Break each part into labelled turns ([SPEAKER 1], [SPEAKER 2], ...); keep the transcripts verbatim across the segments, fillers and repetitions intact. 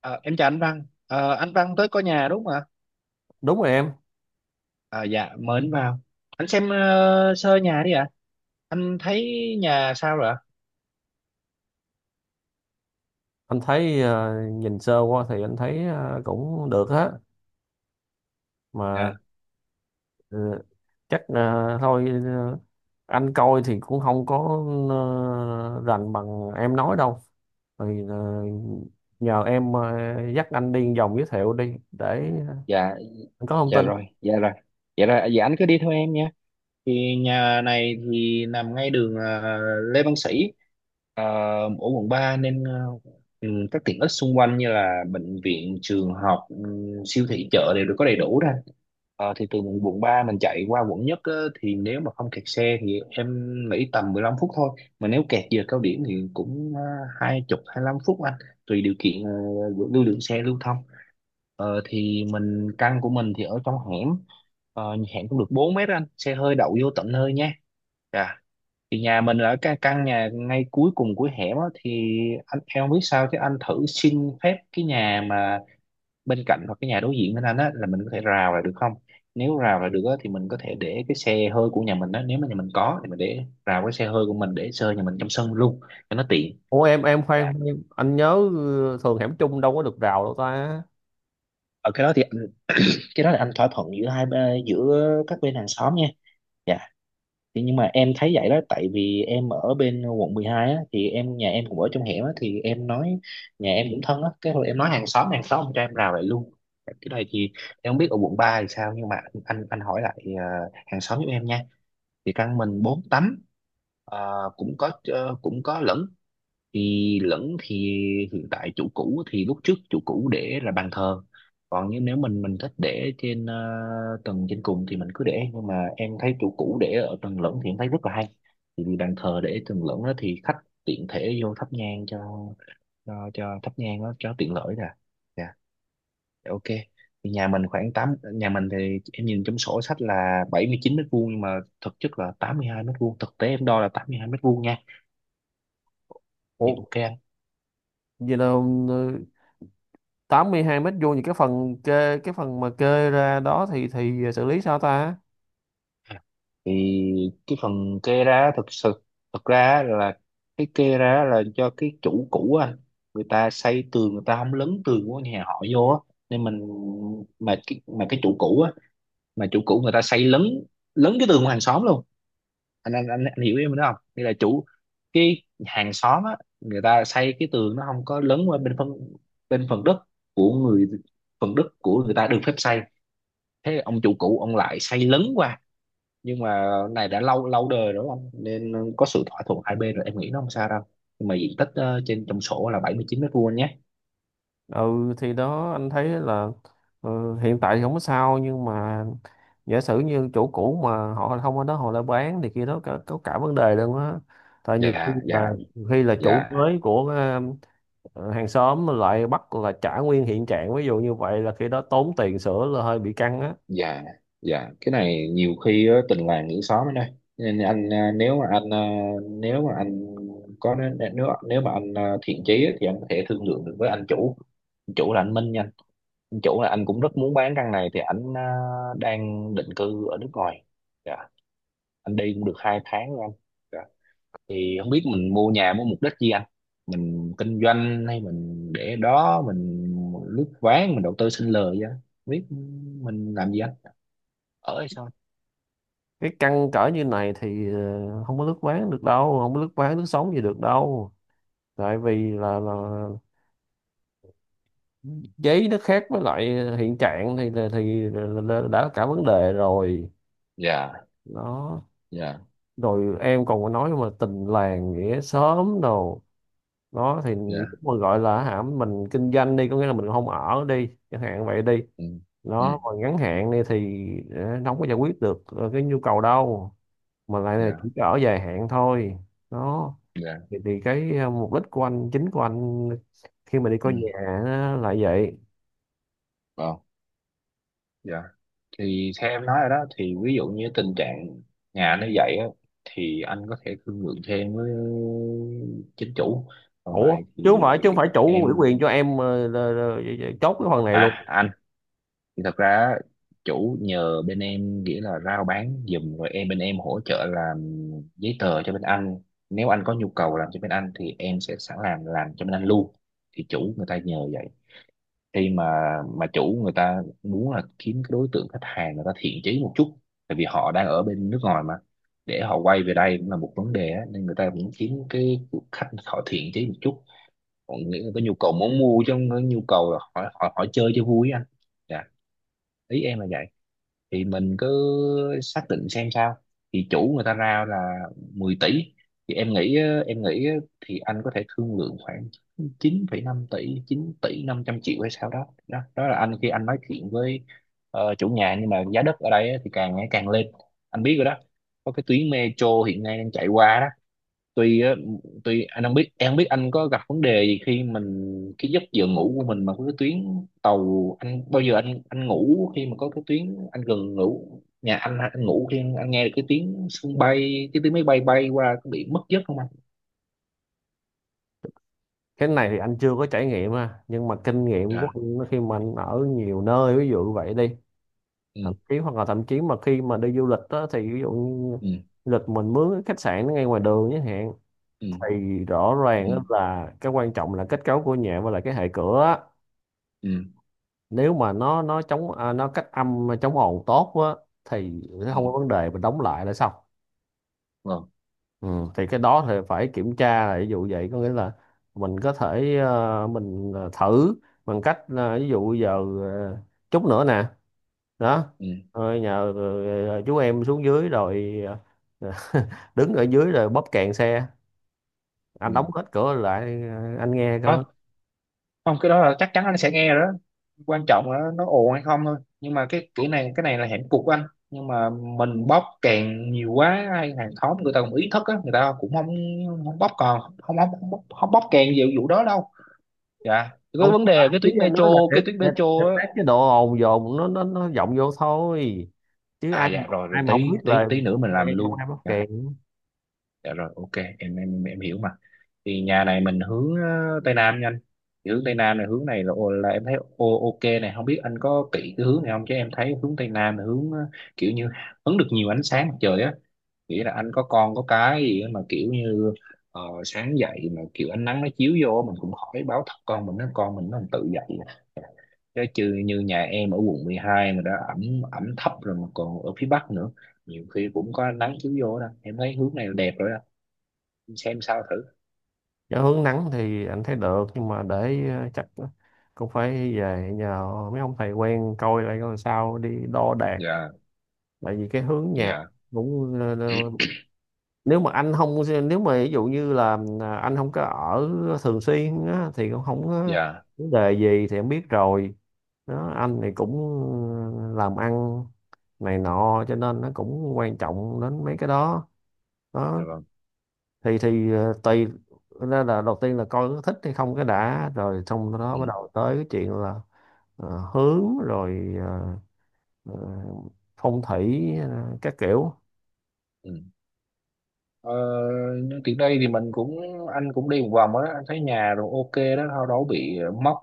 [SPEAKER 1] Ờ, em chào anh Văn. Ờ, anh Văn tới coi nhà đúng không ạ?
[SPEAKER 2] Đúng rồi em.
[SPEAKER 1] Ờ, dạ, mời anh vào. Anh xem ờ, sơ nhà đi ạ. Anh thấy nhà sao rồi ạ?
[SPEAKER 2] Anh thấy, ờ, nhìn sơ qua thì anh thấy ờ, cũng được á. Mà
[SPEAKER 1] Dạ,
[SPEAKER 2] ờ, chắc là thôi, ờ, anh coi thì cũng không có ờ, rành bằng em nói đâu. Thì ờ, nhờ em ờ, dắt anh đi vòng giới thiệu đi để
[SPEAKER 1] dạ,
[SPEAKER 2] anh có thông
[SPEAKER 1] dạ
[SPEAKER 2] tin.
[SPEAKER 1] rồi, dạ rồi. Dạ rồi, dạ anh cứ đi theo em nha. Thì nhà này thì nằm ngay đường à, Lê Văn Sĩ à, ở quận ba nên à, ừ, các tiện ích xung quanh như là bệnh viện trường học ừ, siêu thị chợ đều được có đầy đủ ra. Ờ, thì từ quận ba mình chạy qua quận nhất á, thì nếu mà không kẹt xe thì em nghĩ tầm mười lăm phút thôi. Mà nếu kẹt giờ cao điểm thì cũng à, hai chục hai lăm phút anh, tùy điều kiện ờ, lưu lượng xe lưu thông. Ờ, thì mình căn của mình thì ở trong hẻm. Ờ, hẹn cũng được bốn mét anh, xe hơi đậu vô tận hơi nha. Dạ. Thì nhà mình ở cái căn nhà ngay cuối cùng của hẻm á, thì anh em không biết sao chứ anh thử xin phép cái nhà mà bên cạnh hoặc cái nhà đối diện bên anh á là mình có thể rào lại được không. Nếu rào lại được á, thì mình có thể để cái xe hơi của nhà mình á, nếu mà nhà mình có thì mình để rào cái xe hơi của mình để xe hơi nhà mình trong sân luôn cho nó tiện.
[SPEAKER 2] Ủa em em
[SPEAKER 1] Dạ,
[SPEAKER 2] khoan khoan, anh nhớ ờ, thường hẻm chung đâu có được rào đâu ta?
[SPEAKER 1] ở cái đó thì anh- cái đó là anh thỏa thuận giữa hai bên- giữa các bên hàng xóm nha. Dạ. Thì nhưng mà em thấy vậy đó, tại vì em ở bên quận mười hai á, thì em nhà em cũng ở trong hẻm á, thì em nói nhà em cũng thân á, cái hồi em nói hàng xóm hàng xóm cho em rào lại luôn. Cái này thì em không biết ở quận ba thì sao, nhưng mà anh anh, hỏi lại ờ, hàng xóm giúp em nha. Thì căn mình bốn tấm ờ, cũng có ờ, cũng có lẫn, thì lẫn thì hiện tại chủ cũ thì lúc trước chủ cũ để là bàn thờ. Còn như nếu mình mình thích để trên ờ, tầng trên cùng thì mình cứ để, nhưng mà em thấy chủ cũ để ở tầng lẫn thì em thấy rất là hay. Thì vì bàn thờ để tầng lẫn đó thì khách tiện thể vô thắp nhang cho cho, cho thắp nhang đó cho tiện lợi nè. Dạ. Dạ, ok. Thì nhà mình khoảng tám nhà mình thì em nhìn trong sổ sách là bảy mươi chín mét vuông, nhưng mà thực chất là tám mươi hai mét vuông, thực tế em đo là tám mươi hai mét vuông nha. Dạ
[SPEAKER 2] Ủa,
[SPEAKER 1] ok anh.
[SPEAKER 2] vậy là ờ, tám mươi hai mét vuông thì cái phần kê cái phần mà kê ra đó thì thì xử lý sao ta?
[SPEAKER 1] Thì cái phần kê ra thực sự, thực ra á là cái kê ra là do cái chủ cũ á, người ta xây tường người ta không lấn tường của nhà họ vô á, nên mình, mà cái mà cái chủ cũ á, mà chủ cũ người ta xây lấn, lấn cái tường của hàng xóm luôn. Anh anh anh, anh hiểu em đó không, nghĩa là chủ, cái hàng xóm á người ta xây cái tường nó không có lấn qua bên phân bên phần đất của người phần đất của người ta được phép xây. Thế ông chủ cũ ông lại xây lấn qua. Nhưng mà này đã lâu lâu đời rồi anh, nên có sự thỏa thuận hai bên rồi, em nghĩ nó không sao đâu. Nhưng mà diện tích ờ, trên trong sổ là bảy mươi chín mét vuông nhé.
[SPEAKER 2] Ừ thì đó anh thấy là ờ, hiện tại thì không có sao, nhưng mà giả sử như chỗ cũ mà họ không ở đó họ lại bán thì kia đó có, có cả vấn đề luôn á. Tại nhiều khi
[SPEAKER 1] Dạ.
[SPEAKER 2] là,
[SPEAKER 1] Dạ.
[SPEAKER 2] nhiều khi là chủ
[SPEAKER 1] Dạ.
[SPEAKER 2] mới của ờ, hàng xóm lại bắt là trả nguyên hiện trạng, ví dụ như vậy là khi đó tốn tiền sửa là hơi bị căng á.
[SPEAKER 1] Dạ. Dạ, cái này nhiều khi ờ, tình làng nghĩa xóm ở đây, nên anh, ờ, nếu mà anh ờ, nếu mà anh có nếu nếu mà anh ờ, thiện chí á, thì anh có thể thương lượng được với anh chủ. Anh chủ là anh Minh nha. Anh chủ là anh cũng rất muốn bán căn này, thì anh ờ, đang định cư ở nước ngoài. Dạ. Anh đi cũng được hai tháng rồi anh. Dạ. Thì không biết mình mua nhà mua mục đích gì anh, mình kinh doanh hay mình để đó, mình lướt ván, mình đầu tư sinh lời, vậy không biết mình làm gì anh, ở hay sao.
[SPEAKER 2] Cái căng cỡ như này thì ờ, không có lướt ván được đâu, không có lướt ván lướt sóng gì được đâu. Tại vì là, là giấy nó khác với lại hiện trạng, thì là- thì là- đã cả vấn đề rồi.
[SPEAKER 1] Dạ.
[SPEAKER 2] Đó.
[SPEAKER 1] Dạ.
[SPEAKER 2] Rồi em còn có nói mà tình làng nghĩa xóm đồ. Đó thì
[SPEAKER 1] Dạ.
[SPEAKER 2] lúc mà gọi là hả mình kinh doanh đi, có nghĩa là mình không ở đi chẳng hạn vậy đi,
[SPEAKER 1] Ừ. Ừ.
[SPEAKER 2] nó còn ngắn hạn đi thì ờ, nó không có giải quyết được ờ, cái nhu cầu đâu, mà lại là chỉ
[SPEAKER 1] Dạ.
[SPEAKER 2] có ở dài hạn thôi. Đó.
[SPEAKER 1] Dạ.
[SPEAKER 2] Thì, thì cái ờ, mục đích của anh, chính của anh khi mà đi
[SPEAKER 1] Ừ.
[SPEAKER 2] coi nhà á, là vậy.
[SPEAKER 1] Vâng. Dạ. Thì theo em nói rồi đó, thì ví dụ như tình trạng nhà nó vậy á, thì anh có thể thương lượng thêm với chính chủ.
[SPEAKER 2] Ủa,
[SPEAKER 1] Rồi
[SPEAKER 2] chứ không
[SPEAKER 1] thì
[SPEAKER 2] phải chứ không phải chủ ủy
[SPEAKER 1] em,
[SPEAKER 2] quyền cho em ờ, là- là- chốt cái phần này luôn?
[SPEAKER 1] à anh, thì thật ra chủ nhờ bên em, nghĩa là rao bán giùm, rồi em bên em hỗ trợ làm giấy tờ cho bên anh. Nếu anh có nhu cầu làm cho bên anh thì em sẽ sẵn làm làm cho bên anh luôn. Thì chủ người ta nhờ vậy, khi mà mà chủ người ta muốn là kiếm cái đối tượng khách hàng người ta thiện chí một chút, tại vì họ đang ở bên nước ngoài mà, để họ quay về đây cũng là một vấn đề á, nên người ta cũng kiếm cái khách họ thiện chí một chút. Họ nghĩ là có nhu cầu muốn mua, chứ không có nhu cầu là họ họ, họ chơi cho vui á anh. Dạ. Ý em là vậy. Thì mình cứ xác định xem sao. Thì chủ người ta ra là mười tỷ, thì em nghĩ á, em nghĩ á, thì anh có thể thương lượng khoảng chín phẩy năm tỷ, chín tỷ năm trăm triệu hay sao đó, đó đó là anh khi anh nói chuyện với ờ, chủ nhà. Nhưng mà giá đất ở đây á, thì càng ngày càng lên, anh biết rồi đó. Có cái tuyến metro hiện nay đang chạy qua. Tuy á, tuy anh không biết, em không biết anh có gặp vấn đề gì khi mình, cái giấc giờ ngủ của mình mà có cái tuyến tàu anh, bao giờ anh anh ngủ khi mà có cái tuyến anh gần ngủ nhà anh anh ngủ khi anh nghe được cái tiếng sân bay cái tiếng máy bay bay qua có bị mất giấc không anh.
[SPEAKER 2] Cái này thì anh chưa có trải nghiệm ha, nhưng mà kinh nghiệm của
[SPEAKER 1] Dạ.
[SPEAKER 2] anh khi mà anh ở nhiều nơi, ví dụ vậy đi,
[SPEAKER 1] Ừ.
[SPEAKER 2] thậm chí hoặc là thậm chí mà khi mà đi du lịch đó, thì ví dụ như
[SPEAKER 1] Ừ.
[SPEAKER 2] du lịch mình mướn cái khách sạn nó ngay ngoài đường chẳng hạn,
[SPEAKER 1] Ừ.
[SPEAKER 2] thì rõ ràng
[SPEAKER 1] Ừ.
[SPEAKER 2] á là cái quan trọng là kết cấu của nhà và là cái hệ cửa á.
[SPEAKER 1] Ừ.
[SPEAKER 2] Nếu mà nó nó chống à, nó cách âm chống ồn tốt á thì
[SPEAKER 1] Ừ.
[SPEAKER 2] không có vấn đề, mình đóng lại là xong.
[SPEAKER 1] Vâng.
[SPEAKER 2] Ừ, thì cái đó thì phải kiểm tra, là ví dụ vậy có nghĩa là mình có thể ờ, mình ờ, thử bằng cách là ví dụ giờ, ờ, chút nữa nè. Đó,
[SPEAKER 1] Ừ.
[SPEAKER 2] ờ, nhờ ờ, chú em xuống dưới rồi, ờ, đứng ở dưới rồi bóp kèn xe, anh đóng hết cửa lại, ờ, anh nghe cơ.
[SPEAKER 1] Ừ. Không, cái đó là chắc chắn anh sẽ nghe rồi đó. Quan trọng là nó ồn hay không thôi, nhưng mà cái kỹ này, cái này là hạnh cục của anh. Nhưng mà mình bóp càng nhiều quá hay hàng xóm người ta cũng ý thức á, người ta cũng không, không bóp còn không không không, bóp không bóc càng nhiều vụ đó đâu. Dạ, cái
[SPEAKER 2] Không
[SPEAKER 1] vấn đề
[SPEAKER 2] phải,
[SPEAKER 1] là cái
[SPEAKER 2] ý
[SPEAKER 1] tuyến
[SPEAKER 2] anh nói
[SPEAKER 1] metro,
[SPEAKER 2] là để
[SPEAKER 1] cái tuyến
[SPEAKER 2] để,
[SPEAKER 1] metro
[SPEAKER 2] để
[SPEAKER 1] á.
[SPEAKER 2] tắt cái độ ồn dồn nó nó nó vọng vô thôi, chứ
[SPEAKER 1] À,
[SPEAKER 2] ai,
[SPEAKER 1] dạ rồi rồi,
[SPEAKER 2] ai mà không
[SPEAKER 1] tí
[SPEAKER 2] biết
[SPEAKER 1] tí
[SPEAKER 2] là
[SPEAKER 1] tí nữa mình
[SPEAKER 2] mày
[SPEAKER 1] làm
[SPEAKER 2] không
[SPEAKER 1] luôn.
[SPEAKER 2] ai bóp
[SPEAKER 1] Dạ.
[SPEAKER 2] kèn.
[SPEAKER 1] Dạ rồi, ok. Em em em hiểu mà. Thì nhà này mình hướng ờ, tây nam nha anh. Thì hướng tây nam này, hướng này là là em thấy ô ok này, không biết anh có kỹ cái hướng này không, chứ em thấy hướng tây nam là hướng ờ, kiểu như hứng được nhiều ánh sáng mặt trời á. Nghĩa là anh có con có cái gì á mà kiểu như ờ, sáng dậy mà kiểu ánh nắng nó chiếu vô mình cũng khỏi báo thức, con mình nó, con mình nó tự dậy. Chứ chứ như nhà em ở quận mười hai mà đã ẩm ẩm thấp rồi mà còn ở phía bắc nữa, nhiều khi cũng có ánh nắng chiếu vô đó, em thấy hướng này là đẹp rồi đó, xem sao thử.
[SPEAKER 2] Nếu hướng nắng thì anh thấy được, nhưng mà để, ờ, chắc cũng phải về nhờ mấy ông thầy quen coi lại coi sao, đi đo đạc.
[SPEAKER 1] Dạ.
[SPEAKER 2] Tại vì cái hướng nhà
[SPEAKER 1] Dạ.
[SPEAKER 2] cũng, ờ, ờ, nếu mà anh không nếu mà ví dụ như là ờ, anh không có ở thường xuyên á, thì cũng không có
[SPEAKER 1] Dạ.
[SPEAKER 2] vấn đề gì thì em biết rồi. Đó, anh thì cũng ờ, làm ăn này nọ cho nên nó cũng quan trọng đến mấy cái đó.
[SPEAKER 1] Dạ.
[SPEAKER 2] Đó
[SPEAKER 1] Vâng.
[SPEAKER 2] thì, thì ờ, tùy. Đó là đầu tiên là coi có thích hay không cái đã, rồi xong
[SPEAKER 1] Ừ.
[SPEAKER 2] đó bắt đầu tới cái chuyện là ờ, hướng, rồi ờ, ờ, phong thủy ờ, các kiểu.
[SPEAKER 1] Ừ. ờ, nhưng tiện đây thì mình cũng, anh cũng đi một vòng á anh thấy nhà rồi ok đó, đâu đâu bị mốc,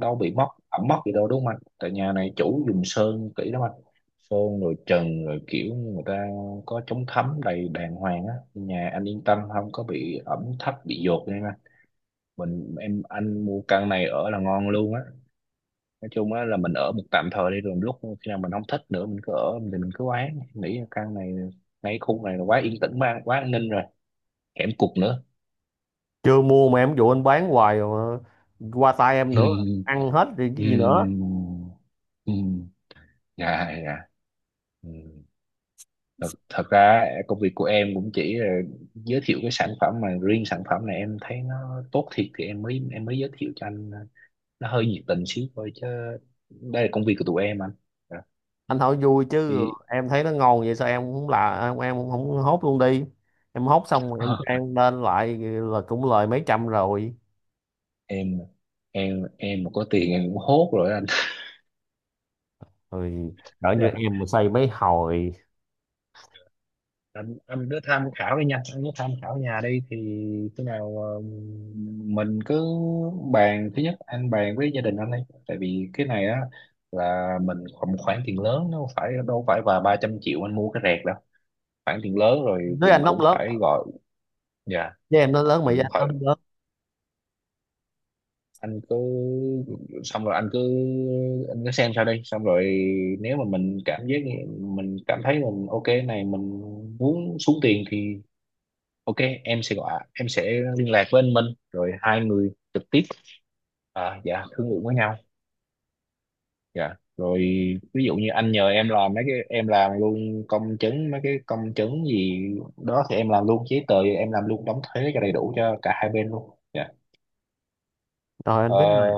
[SPEAKER 1] đâu bị mốc ẩm mốc gì đâu đúng không anh, tại nhà này chủ dùng sơn kỹ lắm anh, sơn rồi trần rồi kiểu người ta có chống thấm đầy đàng hoàng á, nhà anh yên tâm không có bị ẩm thấp bị dột nha anh. Mình em anh mua căn này ở là ngon luôn á. Nói chung á là mình ở một tạm thời đi, rồi lúc khi nào mình không thích nữa, mình cứ ở thì mình cứ bán, nghĩ là căn này ngay khu này là quá yên tĩnh, quá quá an ninh rồi, hẻm cụt nữa.
[SPEAKER 2] Chưa mua mà em dụ anh bán hoài rồi, mà qua tay em nữa, ăn hết thì cái gì nữa.
[SPEAKER 1] Ừm, ừm, dạ dạ. Ừ. Thật thật ra công việc của em cũng chỉ là giới thiệu cái sản phẩm, mà riêng sản phẩm này em thấy nó tốt thiệt thì em mới, em mới giới thiệu cho anh. ờ, nó hơi nhiệt tình xíu thôi, chứ đây là công việc của tụi em anh. Dạ.
[SPEAKER 2] Anh hỏi vui chứ
[SPEAKER 1] Thì
[SPEAKER 2] em thấy nó ngon vậy sao, em cũng là em, em cũng không hốt luôn đi? Em hốt xong rồi em ăn lên lại là cũng lời mấy trăm rồi.
[SPEAKER 1] em em em mà có tiền em cũng hốt rồi anh.
[SPEAKER 2] Rồi, đỡ như em mà xây mấy hồi.
[SPEAKER 1] anh, anh cứ tham khảo đi nha, anh cứ tham khảo nhà đi, thì khi nào ờ, mình cứ bàn, thứ nhất anh bàn với gia đình anh đi, tại vì cái này á là mình một khoản tiền lớn, nó không phải đâu phải và ba trăm triệu anh mua cái rẹt đâu, khoản tiền lớn rồi
[SPEAKER 2] Đứa
[SPEAKER 1] mình
[SPEAKER 2] anh
[SPEAKER 1] cũng
[SPEAKER 2] nóng lớn,
[SPEAKER 1] phải gọi. Dạ.
[SPEAKER 2] với em nó lớn mà
[SPEAKER 1] Mình
[SPEAKER 2] với
[SPEAKER 1] cũng
[SPEAKER 2] anh
[SPEAKER 1] phải,
[SPEAKER 2] nó lớn.
[SPEAKER 1] anh cứ, xong rồi anh cứ, anh cứ xem sao đi, xong rồi nếu mà mình cảm giác, mình cảm thấy mình ok này, mình muốn xuống tiền thì, ok, em sẽ gọi, em sẽ liên lạc với anh Minh, rồi hai người trực tiếp, à, dạ thương lượng với nhau. Dạ. Rồi ví dụ như anh nhờ em làm mấy cái, em làm luôn công chứng mấy cái công chứng gì đó, thì em làm luôn giấy tờ, thì em làm luôn đóng thuế cho đầy đủ cho cả hai bên luôn. Dạ.
[SPEAKER 2] Rồi
[SPEAKER 1] Ờ,
[SPEAKER 2] anh biết rồi,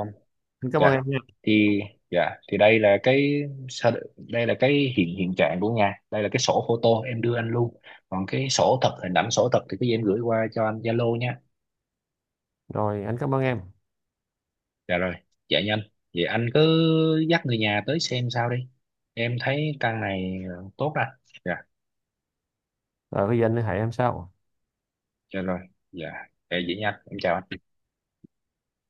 [SPEAKER 2] anh cảm ơn
[SPEAKER 1] dạ.
[SPEAKER 2] em nha.
[SPEAKER 1] Thì dạ thì đây là cái sao- đây là cái hiện hiện trạng của nhà. Đây là cái sổ photo em đưa anh luôn. Còn cái sổ thật, hình ảnh sổ thật thì cái gì em gửi qua cho anh Zalo nha.
[SPEAKER 2] Rồi anh cảm ơn em.
[SPEAKER 1] Dạ rồi, dạ nhanh. Vậy anh cứ dắt người nhà tới xem sao đi. Em thấy căn này ờ, tốt đó. Dạ,
[SPEAKER 2] Rồi bây giờ anh liên hệ em sau.
[SPEAKER 1] dạ rồi. Dạ, dạ vậy nhanh. Em chào anh.